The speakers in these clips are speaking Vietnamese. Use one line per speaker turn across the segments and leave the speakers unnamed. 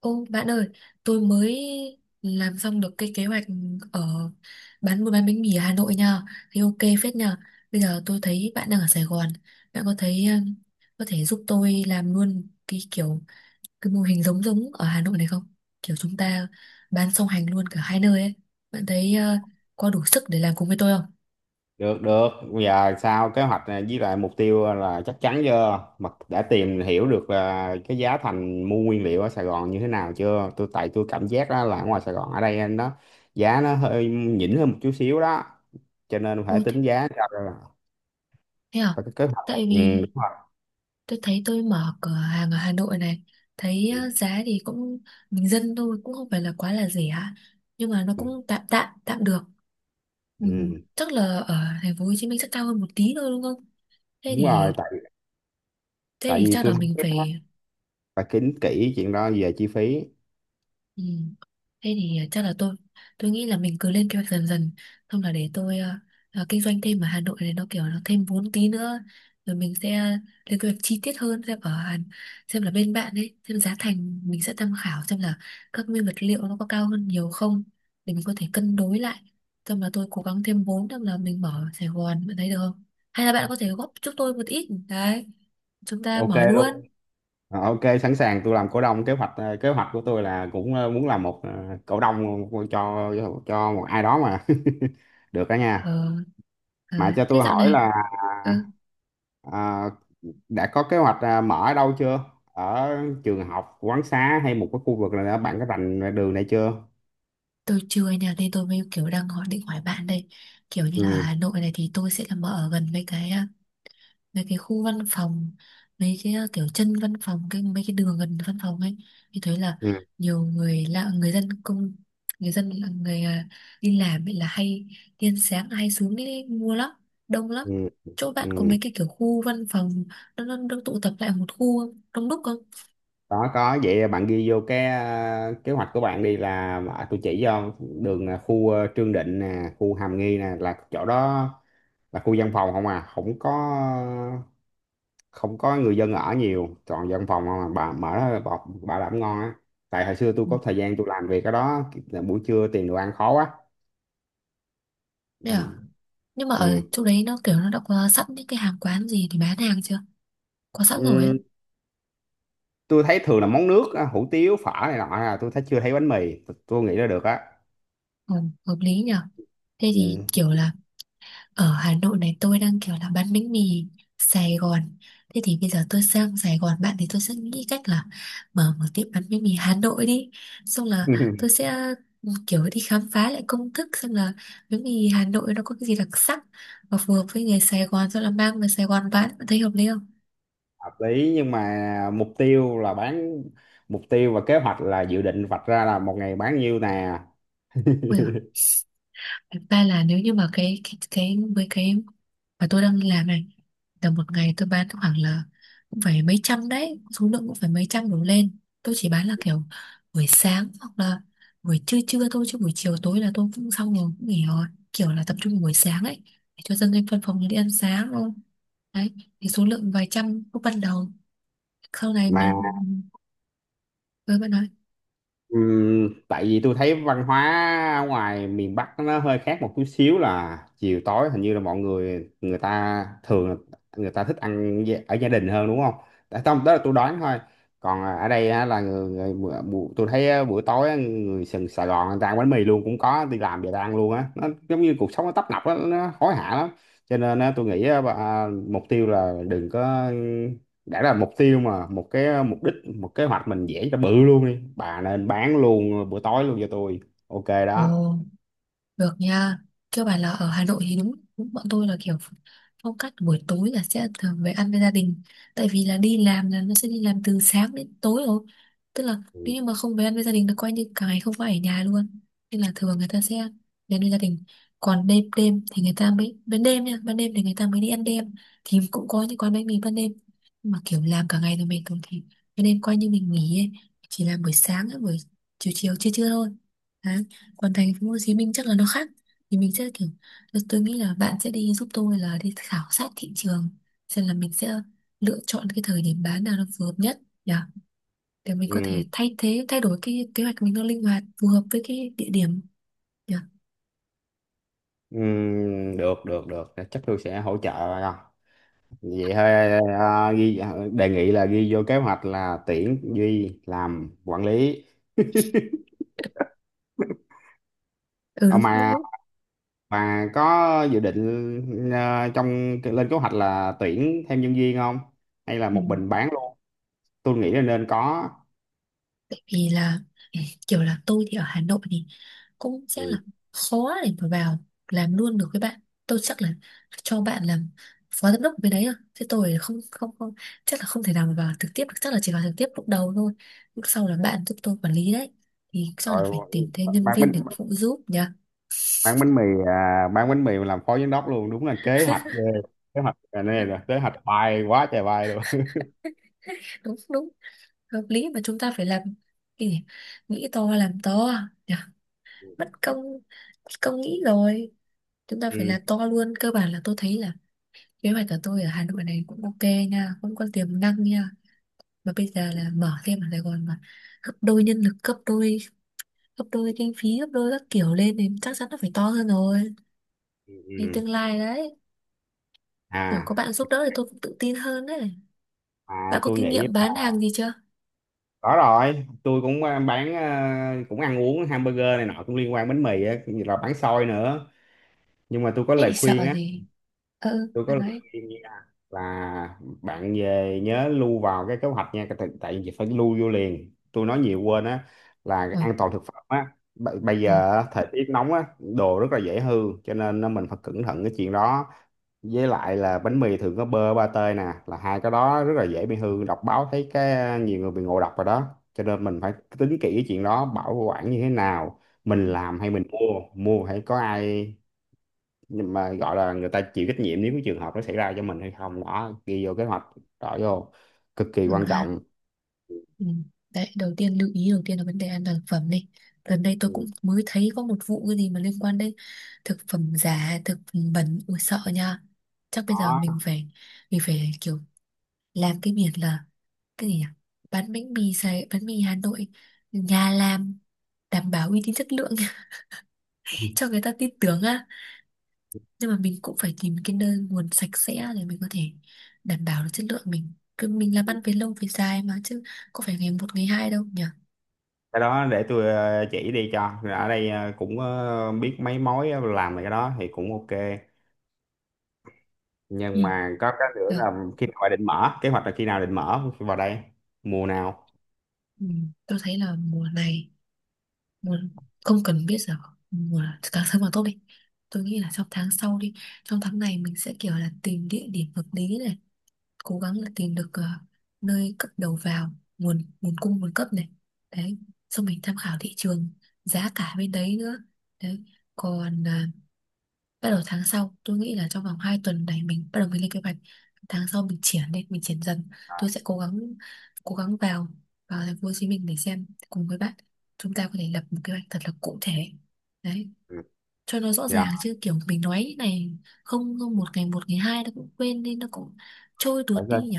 Ô bạn ơi, tôi mới làm xong được cái kế hoạch ở bán buôn bán bánh mì ở Hà Nội nha. Thì ok phết nha. Bây giờ tôi thấy bạn đang ở Sài Gòn, bạn có thấy có thể giúp tôi làm luôn cái kiểu cái mô hình giống giống ở Hà Nội này không? Kiểu chúng ta bán song hành luôn cả hai nơi ấy. Bạn thấy có đủ sức để làm cùng với tôi không?
Được được, giờ sao kế hoạch này với lại mục tiêu là chắc chắn chưa mà đã tìm hiểu được là cái giá thành mua nguyên liệu ở Sài Gòn như thế nào chưa? Tại tôi cảm giác đó là ở ngoài Sài Gòn ở đây nó giá nó hơi nhỉnh hơn một chút xíu đó, cho nên phải
Ừ, thế
tính giá cho ra là-
thế à?
phải có kế hoạch,
Tại vì
đúng rồi.
tôi thấy tôi mở cửa hàng ở Hà Nội này, thấy
Ừ,
ờ, giá thì cũng bình dân thôi, cũng không phải là quá là rẻ, nhưng mà nó
ừ,
cũng tạm tạm tạm được, ừ,
ừ,
chắc là ở thành phố Hồ Chí Minh sẽ cao hơn một tí thôi đúng không. Thế
đúng
thì
rồi. tại
thế
tại
thì
vì
chắc
tôi
là
thấy
mình
cái đó
phải...
phải tính kỹ chuyện đó về chi phí.
Ừ. Thế thì chắc là tôi nghĩ là mình cứ lên kế hoạch dần dần, xong là để tôi kinh doanh thêm ở Hà Nội này, nó kiểu nó thêm vốn tí nữa rồi mình sẽ lên kế hoạch chi tiết hơn, xem ở Hàn, xem là bên bạn ấy, xem giá thành mình sẽ tham khảo xem là các nguyên vật liệu nó có cao hơn nhiều không, để mình có thể cân đối lại, xong là tôi cố gắng thêm vốn xong là mình mở ở Sài Gòn, bạn thấy được không, hay là bạn có thể góp giúp tôi một ít đấy, chúng ta
Ok.
mở luôn.
Ok, sẵn sàng. Tôi làm cổ đông. Kế hoạch kế hoạch của tôi là cũng muốn làm một cổ đông cho một ai đó mà được đó nha.
ờ, ờ,
Mà cho
Thế
tôi
dạo
hỏi
này,
là
ừ.
à, đã có kế hoạch mở ở đâu chưa? Ở trường học, quán xá hay một cái khu vực là bạn có rành đường này chưa?
Tôi chưa anh ạ, nên tôi mới kiểu đang hỏi, định hỏi bạn đây. Kiểu như là ở Hà
ừ,
Nội này thì tôi sẽ là mở ở gần mấy cái mấy cái khu văn phòng, mấy cái kiểu chân văn phòng, cái mấy cái đường gần văn phòng ấy, thì thấy là
ừ,
nhiều người lạ, người dân công, người dân là người đi làm ấy là hay tiên sáng hay xuống đi mua lắm, đông lắm.
ừ, ừ.
Chỗ bạn có
ừ.
mấy cái kiểu khu văn phòng, nó tụ tập lại một khu không? Đông đúc không?
Có, vậy bạn ghi vô cái kế hoạch của bạn đi là tôi chỉ cho đường. Ờ, Khu Trương Định nè, khu Hàm Nghi nè, là chỗ đó là khu dân phòng không à, không có, không có người dân ở nhiều, toàn dân phòng không à. Bà mở đó bà làm ngon á. Tại hồi xưa tôi
Ừ.
có thời gian tôi làm việc ở đó là buổi trưa tìm đồ ăn khó quá.
Đấy
ừ.
à? Nhưng mà ở
Ừ.
chỗ đấy nó kiểu nó đã có sẵn những cái hàng quán gì thì bán hàng chưa? Có sẵn rồi ấy.
Ừ. tôi thấy thường là món nước á, hủ tiếu phở này nọ, là tôi thấy chưa thấy bánh mì. Tôi nghĩ là được á.
Ừ, hợp lý nhở. Thế
ừ.
thì kiểu là ở Hà Nội này tôi đang kiểu là bán bánh mì Sài Gòn, thế thì bây giờ tôi sang Sài Gòn bạn thì tôi sẽ nghĩ cách là mở một tiệm bán bánh mì Hà Nội đi, xong là tôi sẽ, ừ, kiểu đi khám phá lại công thức xem là bánh mì Hà Nội nó có cái gì đặc sắc và phù hợp với người Sài Gòn rồi là mang về Sài Gòn bán, bạn thấy hợp lý không?
Hợp lý, nhưng mà mục tiêu là bán, mục tiêu và kế hoạch là dự định vạch ra là một ngày bán nhiêu nè.
Ui giời, thật ra là nếu như mà cái với cái và tôi đang đi làm này, tầm một ngày tôi bán khoảng là cũng phải mấy trăm đấy, số lượng cũng phải mấy trăm đổ lên. Tôi chỉ bán là kiểu buổi sáng hoặc là buổi trưa trưa thôi, chứ buổi chiều tối là tôi cũng xong rồi, cũng nghỉ rồi, kiểu là tập trung vào buổi sáng ấy để cho dân lên văn phòng đi ăn sáng thôi. Đấy, thì số lượng vài trăm lúc ban đầu, sau này
mà
mà với bạn nói...
Tại vì tôi thấy văn hóa ở ngoài miền Bắc nó hơi khác một chút xíu, là chiều tối hình như là mọi người, người ta thường là người ta thích ăn ở gia đình hơn đúng không? Tại không, đó là tôi đoán thôi. Còn ở đây á, là người, tôi thấy á, buổi tối á, người sừng Sài Gòn người ta ăn bánh mì luôn, cũng có đi làm về ta ăn luôn á. Nó giống như cuộc sống nó tấp nập á, nó hối hả lắm. Cho nên á, tôi nghĩ á, bà- mục tiêu là đừng có, đã là mục tiêu mà, một cái mục đích, một kế hoạch mình vẽ cho bự luôn đi bà, nên bán luôn bữa tối luôn cho tôi. Ok đó.
Ồ, được nha. Cơ bản là ở Hà Nội thì đúng, đúng bọn tôi là kiểu phong cách buổi tối là sẽ thường về ăn với gia đình. Tại vì là đi làm là nó sẽ đi làm từ sáng đến tối rồi. Tức là
ừ.
nếu như mà không về ăn với gia đình là coi như cả ngày không phải ở nhà luôn. Nên là thường người ta sẽ về ăn với gia đình. Còn đêm đêm thì người ta mới, ban đêm nha, ban đêm thì người ta mới đi ăn đêm. Thì cũng có những quán bánh mì ban đêm. Nhưng mà kiểu làm cả ngày rồi mệt rồi thì ban đêm coi như mình nghỉ ấy. Chỉ làm buổi sáng, buổi chiều chiều chưa chưa thôi, còn thành phố Hồ Chí Minh chắc là nó khác, thì mình sẽ kiểu, tôi nghĩ là bạn sẽ đi giúp tôi là đi khảo sát thị trường, xem là mình sẽ lựa chọn cái thời điểm bán nào nó phù hợp nhất nhỉ, để mình có
Ừ.
thể thay đổi cái kế hoạch mình, nó linh hoạt phù hợp với cái địa điểm nhỉ.
Ừ. Được được được, chắc tôi sẽ hỗ trợ bà vậy thôi. Ghi đề nghị là ghi vô kế hoạch là tuyển Duy làm quản lý.
Ừ,
Ờ,
đúng đúng
mà
đúng
bà có dự định trong lên kế hoạch là tuyển thêm nhân viên không, hay là
Ừ.
một mình bán luôn? Tôi nghĩ là nên có.
Tại vì là, ừ, kiểu là tôi thì ở Hà Nội thì cũng sẽ
Ừ.
là khó để mà vào làm luôn được với bạn. Tôi chắc là cho bạn làm phó giám đốc bên đấy rồi. Thế tôi không không không chắc là không thể nào mà vào trực tiếp được. Chắc là chỉ vào trực tiếp lúc đầu thôi. Lúc sau là bạn giúp tôi quản lý đấy. Thì chắc là phải
Rồi
tìm thêm nhân
bạn
viên
mình
để phụ giúp nhỉ.
bán bánh mì, bán bánh mì mà làm phó giám đốc luôn, đúng là kế hoạch ghê. Kế hoạch này là kế hoạch bay quá trời bay luôn.
Đúng đúng, hợp lý, mà chúng ta phải làm cái gì? Nghĩ to làm to nhỉ. Mất công mất công nghĩ rồi. Chúng ta phải
ừ,
làm to luôn. Cơ bản là tôi thấy là kế hoạch của tôi ở Hà Nội này cũng ok nha, cũng có tiềm năng nha. Mà bây giờ là mở thêm ở Sài Gòn mà gấp đôi nhân lực, gấp đôi kinh phí, gấp đôi các kiểu lên thì chắc chắn nó phải to hơn rồi.
ừ.
Thì
ừ.
tương lai đấy, kiểu có
à
bạn giúp đỡ thì tôi cũng tự tin hơn đấy. Bạn có
tôi
kinh
nghĩ
nghiệm bán
là-
hàng gì chưa?
có rồi. Tôi cũng bán cũng ăn uống hamburger này nọ, cũng liên quan bánh mì á, cũng như là bán xôi nữa. Nhưng mà tôi có
Thế
lời
thì
khuyên
sợ
á,
gì? Ừ,
tôi có
bạn
lời
nói.
khuyên nha, là bạn về nhớ lưu vào cái kế hoạch nha, tại vì phải lưu vô liền, tôi nói nhiều quên á, là
Ừ,
an toàn thực phẩm á. B- bây
ừ,
giờ á, thời tiết nóng á, đồ rất là dễ hư, cho nên á, mình phải cẩn thận cái chuyện đó. Với lại là bánh mì thường có bơ ba tê nè, là hai cái đó rất là dễ bị hư, đọc báo thấy cái nhiều người bị ngộ độc rồi đó, cho nên mình phải tính kỹ cái chuyện đó, bảo quản như thế nào, mình
ừ,
làm hay mình mua, mua phải có ai nhưng mà gọi là người ta chịu trách nhiệm nếu cái trường hợp nó xảy ra cho mình hay không. Đó, ghi vô kế hoạch, rõ vô, cực kỳ
ừ
quan
ha.
trọng.
Ừ. Đấy, đầu tiên lưu ý đầu tiên là vấn đề an toàn thực phẩm đi. Gần đây tôi cũng
Ừ.
mới thấy có một vụ cái gì mà liên quan đến thực phẩm giả, thực phẩm bẩn, ui sợ nha. Chắc bây giờ
Đó,
mình phải kiểu làm cái biển là cái gì nhỉ? Bán bánh mì Sài, bánh mì Hà Nội nhà làm đảm bảo uy tín chất lượng cho người ta tin tưởng á. Nhưng mà mình cũng phải tìm cái nơi nguồn sạch sẽ để mình có thể đảm bảo được chất lượng mình. Cứ mình làm ăn về lâu về dài mà chứ có phải ngày một ngày hai đâu nhỉ?
cái đó để tôi chỉ đi cho. Rồi ở đây cũng biết mấy mối làm về cái đó thì cũng ok.
Ừ.
Nhưng mà có cái nữa
Được.
là khi nào định mở, kế hoạch là khi nào định mở vào đây, mùa nào?
Ừ, tôi thấy là mùa này, mùa, không cần biết giờ mùa, càng sớm càng tốt đi, tôi nghĩ là trong tháng sau đi, trong tháng này mình sẽ kiểu là tìm địa điểm hợp lý này, cố gắng là tìm được ờ, nơi cất đầu vào, nguồn nguồn cung nguồn cấp này, đấy, xong mình tham khảo thị trường giá cả bên đấy nữa. Đấy, còn bắt đầu tháng sau tôi nghĩ là trong vòng 2 tuần này mình bắt đầu mình lên kế hoạch, tháng sau mình triển lên mình triển dần, tôi sẽ cố gắng vào, vào thành phố Hồ Chí Minh để xem cùng với bạn, chúng ta có thể lập một kế hoạch thật là cụ thể, đấy,
Ừ.
cho nó rõ
dạ.
ràng chứ kiểu mình nói như này không không, một ngày một ngày hai nó cũng quên đi, nó cũng trôi tuột đi nhỉ.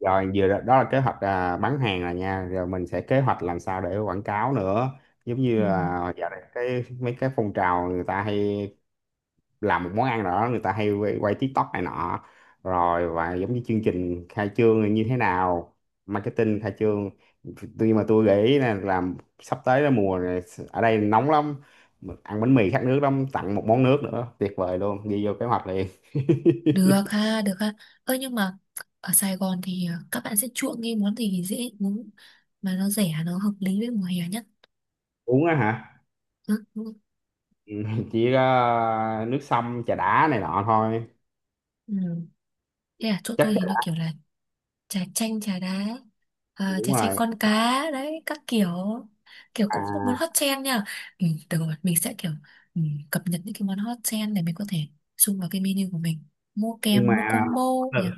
Rồi vừa đó, đó là kế hoạch bán hàng rồi nha, rồi mình sẽ kế hoạch làm sao để quảng cáo nữa, giống
Ừ.
như là giờ này cái mấy cái phong trào người ta hay làm một món ăn nào đó, người ta hay quay TikTok này nọ, rồi và giống như chương trình khai trương như thế nào, marketing khai trương. Tuy mà tôi nghĩ là làm sắp tới là mùa này ở đây nóng lắm, ăn bánh mì khát nước lắm, tặng một món nước nữa tuyệt vời luôn, ghi vô kế hoạch liền.
Được ha, được ha. Ơ nhưng mà ở Sài Gòn thì ờ, các bạn sẽ chuộng cái món gì dễ uống mà nó rẻ, nó hợp lý với mùa hè nhất.
Uống á hả?
Ừ.
Ừ, chỉ có nước sông trà đá này nọ thôi.
Ừ. Thế à, chỗ
Chắc
tôi thì
chắn.
nó kiểu là trà chanh, trà đá, à,
Đúng
trà chanh
rồi.
con cá, đấy, các kiểu, kiểu cũng có muốn
à,
hot trend nha. Ừ, được rồi, mình sẽ kiểu, ừ, cập nhật những cái món hot trend để mình có thể xung vào cái menu của mình. Mua
nhưng
kèm, mua
mà
combo
mỗi
nhỉ.
lần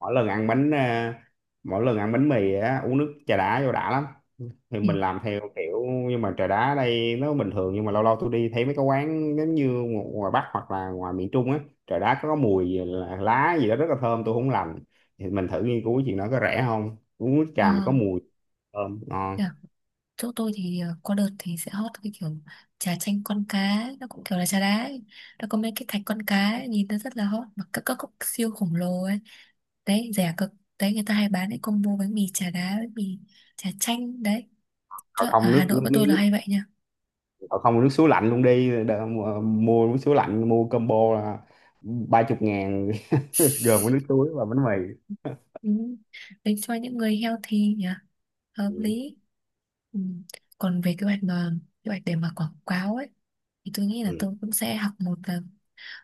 mỗi lần ăn bánh à, mỗi lần ăn bánh mì á uống nước trà đá vô đã lắm. Thì
Ừ,
mình làm theo kiểu, nhưng mà trà đá ở đây nó bình thường, nhưng mà lâu lâu tôi đi thấy mấy cái quán giống như ngoài Bắc hoặc là ngoài miền Trung á, trà đá có mùi gì là lá gì đó rất là thơm, tôi không lành. Thì mình thử nghiên cứu chuyện đó, có rẻ không, uống nước
ờ,
trà mà có mùi thơm ngon.
thế à, chỗ tôi thì ờ, có đợt thì sẽ hot cái kiểu trà chanh con cá, nó cũng kiểu là trà đá ấy. Nó có mấy cái thạch con cá ấy, nhìn nó rất là hot, mà các cốc siêu khổng lồ ấy. Đấy rẻ cực, đấy người ta hay bán cái combo bánh mì chả đá, bánh mì chả chanh đấy, cho
Còn
ở
không
Hà Nội
nước,
bọn tôi là hay vậy nha.
Ờ, không, nước suối lạnh luôn đi. Đ- mua nước suối lạnh, mua combo là 30.000 gồm có nước suối và bánh mì.
Ừ. Đấy cho những người healthy nhỉ, hợp
ừ.
lý. Ừ. Còn về kế hoạch mà kế hoạch để mà quảng cáo ấy, thì tôi nghĩ là
Ừ.
tôi cũng sẽ học một là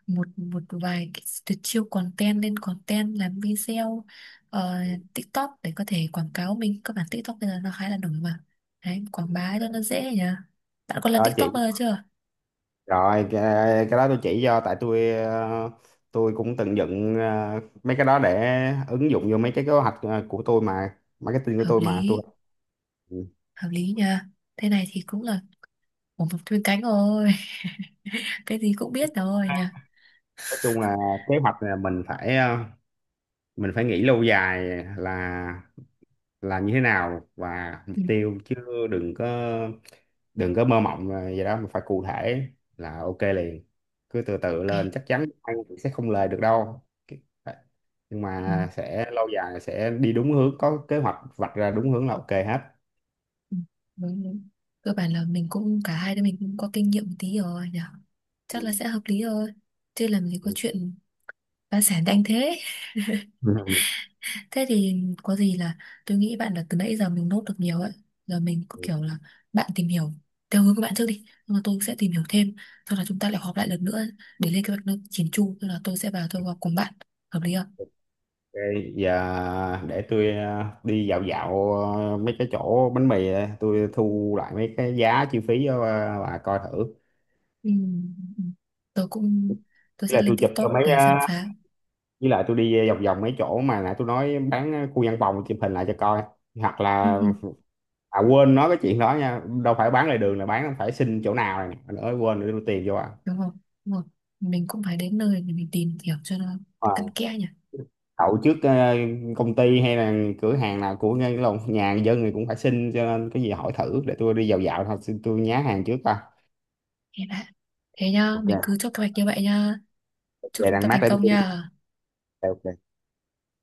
một một vài cái tuyệt chiêu content, lên content làm video ờ, TikTok để có thể quảng cáo mình, các bạn TikTok bây giờ nó khá là nổi mà. Đấy quảng bá cho nó dễ nhỉ. Bạn có làm
Đó chị.
TikTok bao giờ chưa?
rồi cái, cái đó tôi chỉ cho, tại tôi tôi cũng từng dựng mấy cái đó để ứng dụng vô mấy cái kế hoạch của tôi mà, marketing của
Hợp
tôi mà tôi.
lý,
ừ.
hợp lý nha. Thế này thì cũng là một mục chuyên cánh rồi cái gì cũng biết rồi nha.
Nói chung là kế hoạch là mình phải mình phải nghĩ lâu dài, là là như thế nào và mục
Ừ,
tiêu chứ, đừng có, đừng có mơ mộng là vậy đó, mà phải cụ thể là ok liền. Cứ từ từ
ok.
lên, chắc chắn ăn cũng sẽ không lời được đâu. Cái- nhưng
Ừ,
mà sẽ lâu dài, sẽ đi đúng hướng, có kế hoạch vạch ra đúng hướng là ok hết.
ừ, đúng, đúng. Cơ bản là mình cũng cả hai đứa mình cũng có kinh nghiệm một tí rồi nhỉ,
Ừ.
chắc là sẽ hợp lý thôi, chứ làm gì có chuyện phá sản nhanh thế.
Ừ.
Thế thì có gì là tôi nghĩ bạn là từ nãy giờ mình nốt được nhiều ấy, giờ mình cứ kiểu là bạn tìm hiểu theo hướng của bạn trước đi, nhưng mà tôi sẽ tìm hiểu thêm, sau đó chúng ta lại họp lại lần nữa để lên kế hoạch nó chỉn chu, tức là tôi sẽ vào tôi họp cùng bạn, hợp lý không?
ok. Giờ để tôi đi dạo dạo mấy cái chỗ bánh mì, tôi thu lại mấy cái giá chi phí cho bà coi thử.
Ừ. Ừ. Tôi cũng, tôi
với
sẽ
lại
lên
tôi chụp cho
TikTok
mấy
để
ờ,
khám phá.
với lại tôi đi vòng vòng mấy chỗ mà nãy tôi nói bán khu văn phòng, chụp hình lại cho coi. Hoặc
Ừ.
là,
Ừ,
à, quên nói cái chuyện đó nha, đâu phải bán lề đường là bán, phải xin chỗ nào này nè nữa, quên nữa, đưa tiền vô à.
đúng không, đúng không, mình cũng phải đến nơi để mình tìm hiểu cho nó cặn
Ờ,
kẽ nhỉ.
đậu trước công ty hay là cửa hàng nào, của ngay cái lồng nhà dân thì cũng phải xin, cho nên cái gì hỏi thử, để tôi đi dạo dạo thôi, xin tôi nhá hàng trước coi.
Thế đã, thế nhá mình cứ
Ok.
chốt kế hoạch như vậy nhá, chúc
Về
chúng ta
đang mát
thành
đến
công
tôi.
nhá.
Ok.